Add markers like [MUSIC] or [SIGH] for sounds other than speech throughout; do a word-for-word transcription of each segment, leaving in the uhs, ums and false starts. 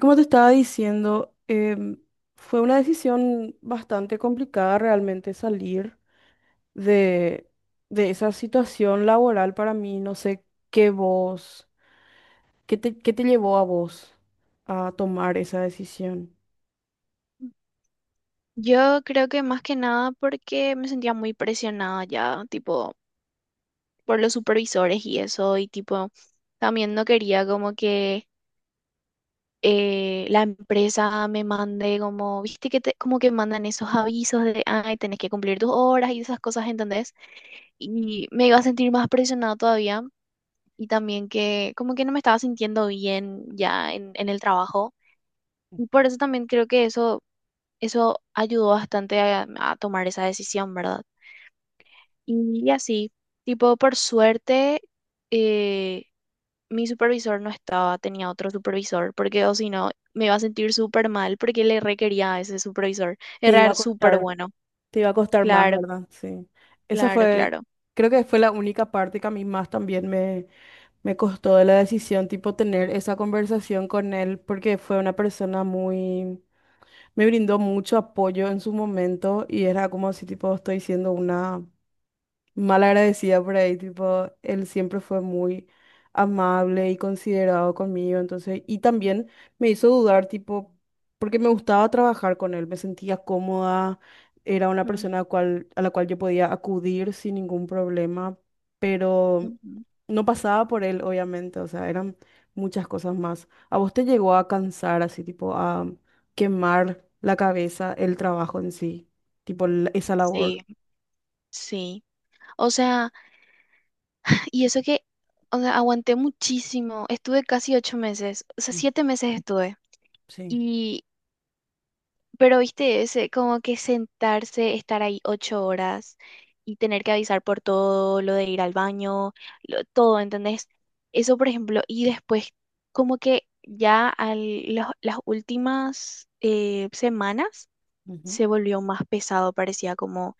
Como te estaba diciendo, em, fue una decisión bastante complicada realmente salir de, de esa situación laboral para mí. No sé qué vos, qué te, qué te llevó a vos a tomar esa decisión. Yo creo que más que nada porque me sentía muy presionada ya, tipo, por los supervisores y eso, y tipo, también no quería como que eh, la empresa me mande como, viste que te, como que mandan esos avisos de, ay, tenés que cumplir tus horas y esas cosas, ¿entendés? Y me iba a sentir más presionada todavía, y también que como que no me estaba sintiendo bien ya en, en el trabajo, y por eso también creo que eso, eso ayudó bastante a a tomar esa decisión, ¿verdad? Y así, tipo, por suerte, eh, mi supervisor no estaba, tenía otro supervisor, porque o si no, me iba a sentir súper mal porque le requería a ese supervisor. Te iba Era a súper costar, bueno. te iba a costar más, Claro, ¿verdad? Sí. Esa claro, fue, claro. creo que fue la única parte que a mí más también me, me costó de la decisión, tipo tener esa conversación con él, porque fue una persona muy me brindó mucho apoyo en su momento y era como si tipo estoy siendo una mal agradecida por ahí, tipo, él siempre fue muy amable y considerado conmigo, entonces, y también me hizo dudar, tipo, porque me gustaba trabajar con él, me sentía cómoda, era una Mm, persona a, cual, a la cual yo podía acudir sin ningún problema, pero ujú. no pasaba por él, obviamente, o sea, eran muchas cosas más. ¿A vos te llegó a cansar, así, tipo, a quemar la cabeza, el trabajo en sí, tipo, la- esa labor? Sí, sí. O sea, [SIGHS] y eso que, o sea, aguanté muchísimo. Estuve casi ocho meses, o sea, Mm, siete meses estuve. sí. y Pero viste ese, como que sentarse, estar ahí ocho horas y tener que avisar por todo, lo de ir al baño, lo- todo, ¿entendés? Eso, por ejemplo, y después, como que ya al, los- las últimas eh, semanas Ujú. se volvió más pesado, parecía como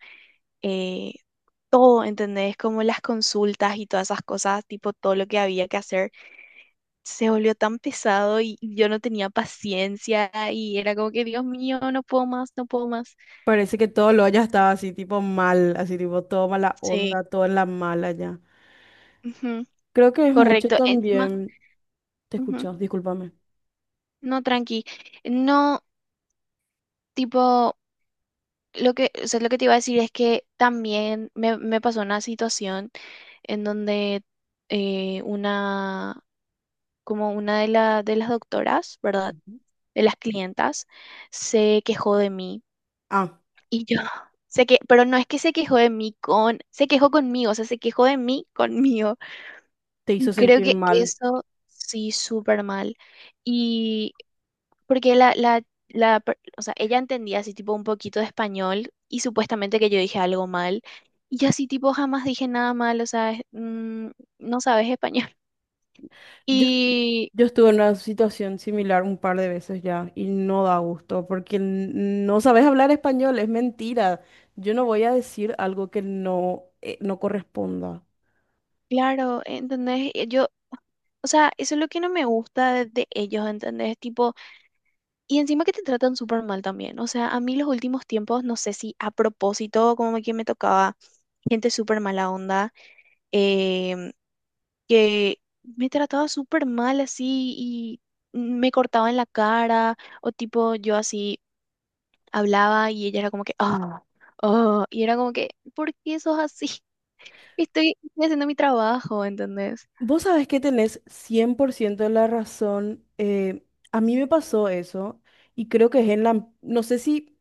eh, todo, ¿entendés? Como las consultas y todas esas cosas, tipo todo lo que había que hacer, se volvió tan pesado y yo no tenía paciencia y era como que, Dios mío, no puedo más, no puedo más. Parece que todo lo haya estado así, tipo mal, así, tipo todo mala Sí, onda, todo en la mala ya. ujú, Creo que es mucho correcto. Encima, también. Te ujú, escucho, discúlpame. no, tranqui. No, tipo, lo que, o sea, lo que te iba a decir es que también me, me pasó una situación en donde eh, una, como una de, la, de las doctoras, ¿verdad? Ujú. De las clientas, se quejó de mí. Ah, Y yo, [LAUGHS] sé que, pero no es que se quejó de mí con, se quejó conmigo, o sea, se quejó de mí conmigo. te hizo Y creo sentir que mal. eso sí, súper mal. Porque la, la, la, per- o sea, ella entendía así tipo un poquito de español y supuestamente que yo dije algo mal. Y yo así tipo jamás dije nada mal, o sea, es- mm, no sabes español. [LAUGHS] Yo, Y yo estuve en una situación similar un par de veces ya y no da gusto porque n- no sabes hablar español, es mentira. Yo no voy a decir algo que no, eh, no corresponda. claro, ¿entendés? Eh, Yo, o sea, eso es lo que no me gusta de, de ellos, ¿entendés? Tipo, y encima que te tratan súper mal también. O sea, a mí los últimos tiempos, no sé si a propósito, como que me tocaba gente súper mala onda. em, que me trataba súper mal así y me cortaba en la cara o tipo yo así hablaba y ella era como que, ah, oh, y era como que, ¿por qué sos así? [LAUGHS] Estoy, estoy haciendo mi trabajo, ¿entendés? Vos sabés que tenés cien por ciento de la razón. eh, a mí me pasó eso y creo que es en la, no sé si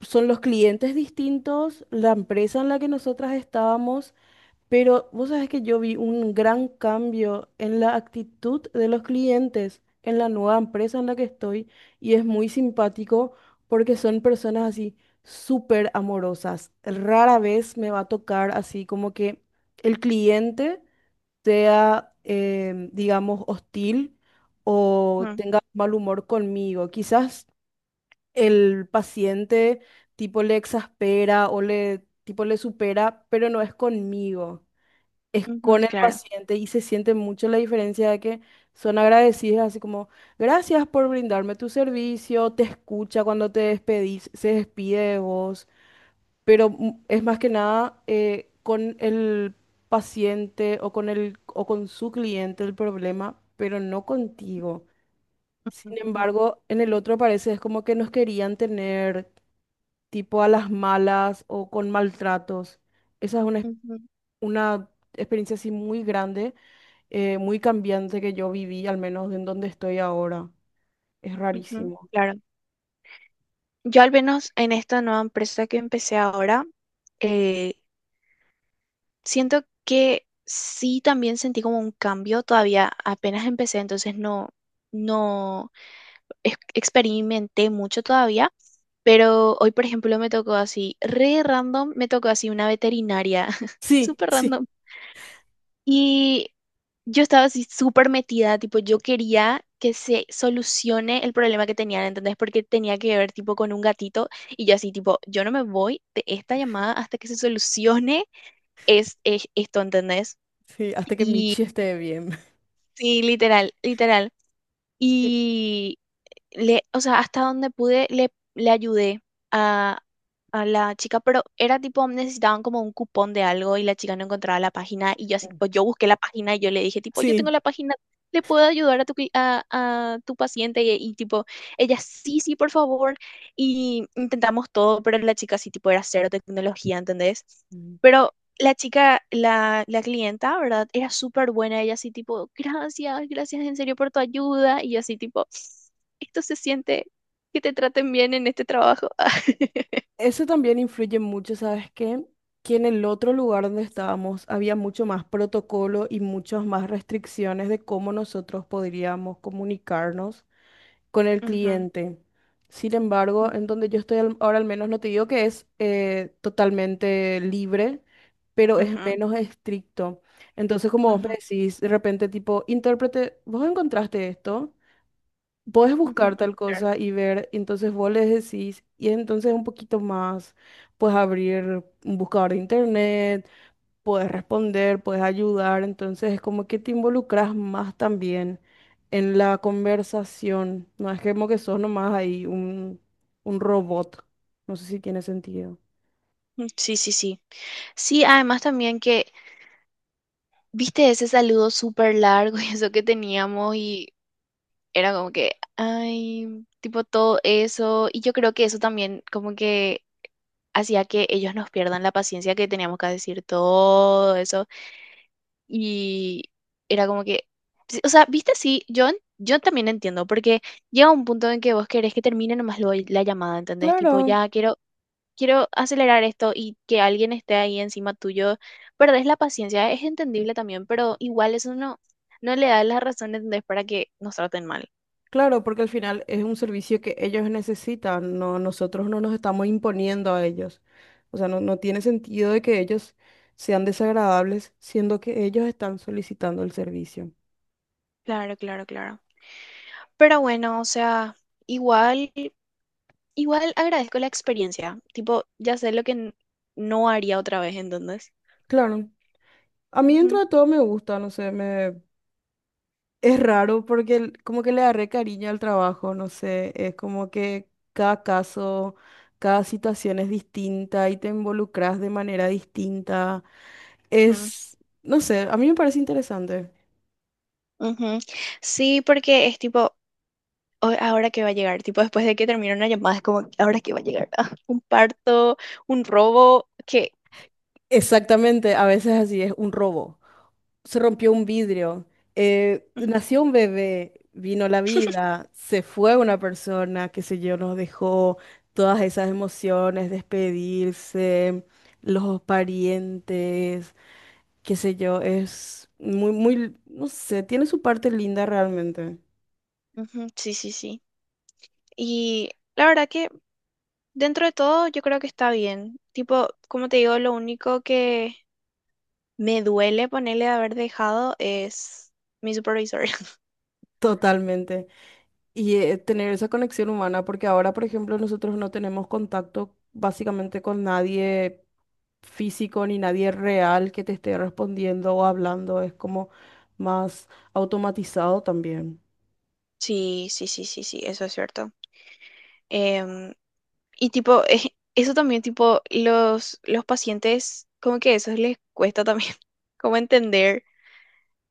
son los clientes distintos, la empresa en la que nosotras estábamos. Pero vos sabés que yo vi un gran cambio en la actitud de los clientes en la nueva empresa en la que estoy y es muy simpático porque son personas así súper amorosas. Rara vez me va a tocar así como que el cliente sea, em, digamos, hostil o Ujú, tenga mal humor conmigo. Quizás el paciente tipo le exaspera o le tipo le supera, pero no es conmigo es ujú, con el claro. paciente y se siente mucho la diferencia de que son agradecidas, así como, gracias por brindarme tu servicio, te escucha cuando te despedís, se despide de vos, pero mm, es más que nada eh, con el paciente o con el, o con su cliente el problema, pero no contigo. Sin Ujú, embargo, en el otro parece es como que nos querían tener tipo a las malas o con maltratos. Esa es una, ex- ujú, una experiencia así muy grande eh, muy cambiante que yo viví, al menos en donde estoy ahora. Es ujú, rarísimo. claro. Yo al menos en esta nueva empresa que empecé ahora, eh, siento que sí también sentí como un cambio, todavía apenas empecé, entonces no, no, ex- experimenté mucho todavía, pero hoy, por ejemplo, me tocó así, re random, me tocó así una veterinaria, [LAUGHS] Sí, súper sí, random. Y yo estaba así súper metida, tipo, yo quería que se solucione el problema que tenían, ¿entendés? Porque tenía que ver, tipo, con un gatito y yo así, tipo, yo no me voy de esta llamada hasta que se solucione es, es esto, ¿entendés? sí, hasta que Y Michi esté bien. [LAUGHS] sí, literal, literal. Eh, Y le, o sea, hasta donde pude, le, le ayudé a, a la chica, pero era tipo, necesitaban como un cupón de algo y la chica no encontraba la página y yo así, mm, tipo, yo busqué la página y yo le dije, tipo, yo tengo sí. la página, ¿le puedo ayudar a tu, cli- a, a tu paciente? Y, y, tipo, ella, sí, sí, por favor. Y intentamos todo, pero la chica sí, tipo, era cero tecnología, ¿entendés? Mm. Pero... La chica, la, la clienta, ¿verdad? Era súper buena, ella así tipo, gracias, gracias en serio por tu ayuda, y yo así tipo, esto se siente que te traten bien en este trabajo. [LAUGHS] Eso también influye mucho, ¿sabes qué? Que en el otro lugar donde estábamos había mucho más protocolo y muchas más restricciones de cómo nosotros podríamos comunicarnos con el Ujú, cliente. Sin embargo, en donde yo estoy al- ahora al menos, no te digo que es eh, totalmente libre, pero es ujú, menos estricto. Entonces, como vos me ujú, decís, de repente tipo, intérprete, vos encontraste esto, podés ujú, buscar ujú, tal claro. cosa y ver, entonces vos les decís, y entonces un poquito más, puedes abrir un buscador de internet, puedes responder, puedes ayudar, entonces es como que te involucras más también en la conversación, no es como que sos nomás ahí un, un robot, no sé si tiene sentido. Mm, sí, sí, sí. Sí, además también que, viste ese saludo súper largo y eso que teníamos y era como que, ay, tipo todo eso. Y yo creo que eso también como que hacía que ellos nos pierdan la paciencia que teníamos que decir todo eso. Y era como que, sí, o sea, viste, sí, yo, en- yo también entiendo, porque llega un punto en que vos querés que termine nomás lo- la llamada, ¿entendés? Tipo, Claro, ya quiero, quiero acelerar esto y que alguien esté ahí encima tuyo. Perdés la paciencia, es entendible también, pero igual eso no, no le da la razón, ¿entendés? Para que nos traten mal. claro, porque al final es un servicio que ellos necesitan, no, nosotros no nos estamos imponiendo a ellos, o sea, no, no tiene sentido de que ellos sean desagradables, siendo que ellos están solicitando el servicio. Claro, claro, claro. Pero bueno, o sea, igual, igual agradezco la experiencia. Tipo, ya sé lo que n- no haría otra vez, ¿entendés? Claro. A mí dentro Ujú, de todo me gusta, no sé, me, es raro porque el- como que le agarré cariño al trabajo, no sé, es como que cada caso, cada situación es distinta y te involucras de manera distinta. ujú. Es, no sé, a mí me parece interesante. Ujú. Sí, porque es tipo, "Ay, ahora que va a llegar, tipo después de que termina una llamada, es como, ahora que va a llegar, ah, [LAUGHS] un parto, un robo, que Exactamente, a veces así es un robo. Se rompió un vidrio, eh, nació un bebé, vino la [LAUGHS] vida, se fue una persona, qué sé yo, nos dejó todas esas emociones, despedirse, los parientes. Qué sé yo, es muy, muy, no sé, tiene su parte linda realmente, ujú, sí, sí, sí. Y la verdad que dentro de todo yo creo que está bien. Tipo, como te digo, lo único que me duele ponerle de haber dejado es mi supervisor. [LAUGHS] totalmente. Y eh, tener esa conexión humana, porque ahora, por ejemplo, nosotros no tenemos contacto básicamente con nadie físico ni nadie real que te esté respondiendo o hablando, es como más automatizado también. Sí, sí, sí, sí, sí, eso es cierto. Em, Y tipo, eh, eso también, tipo, los, los pacientes, como que eso les cuesta también, [LAUGHS] como entender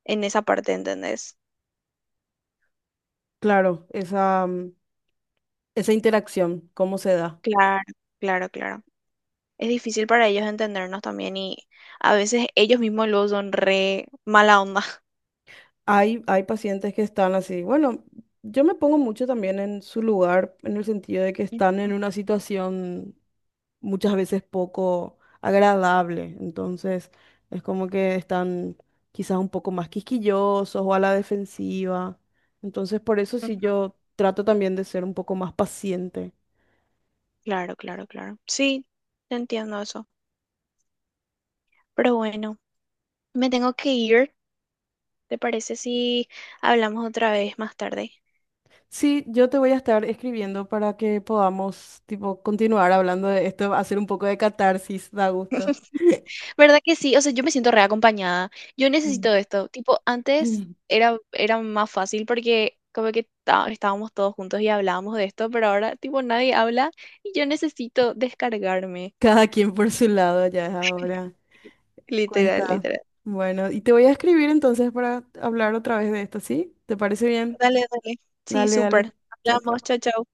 en esa parte, ¿entendés? Claro, esa, mm, esa interacción, ¿cómo se da? Claro, claro, claro. Es difícil para ellos entendernos también y a veces ellos mismos luego son re mala onda. Hay, hay pacientes que están así. Bueno, yo me pongo mucho también en su lugar, en el sentido de que [LAUGHS] están en una situación muchas veces poco agradable. Entonces, es como que están quizás un poco más quisquillosos o a la defensiva. Entonces, por eso Ujú, sí yo trato también de ser un poco más paciente. claro, claro, claro. Sí, te entiendo eso. Pero bueno, me tengo que ir. ¿Te parece si hablamos otra vez más tarde? Sí, yo te voy a estar escribiendo para que podamos, tipo, continuar hablando de esto, hacer un poco de catarsis, da gusto. ¿Verdad que sí? O sea, yo me siento reacompañada. Yo Mm. necesito esto. Tipo, antes [LAUGHS] era, era más fácil porque como que ta- estábamos todos juntos y hablábamos de esto, pero ahora tipo nadie habla y yo necesito descargarme. Cada quien por su lado ya es ahora. Literal, Cuesta. literal. Bueno, y te voy a escribir entonces para hablar otra vez de esto, ¿sí? ¿Te parece bien? Dale, dale. Sí, Dale, dale. súper. Chao, Hablamos, chao, chao. chao.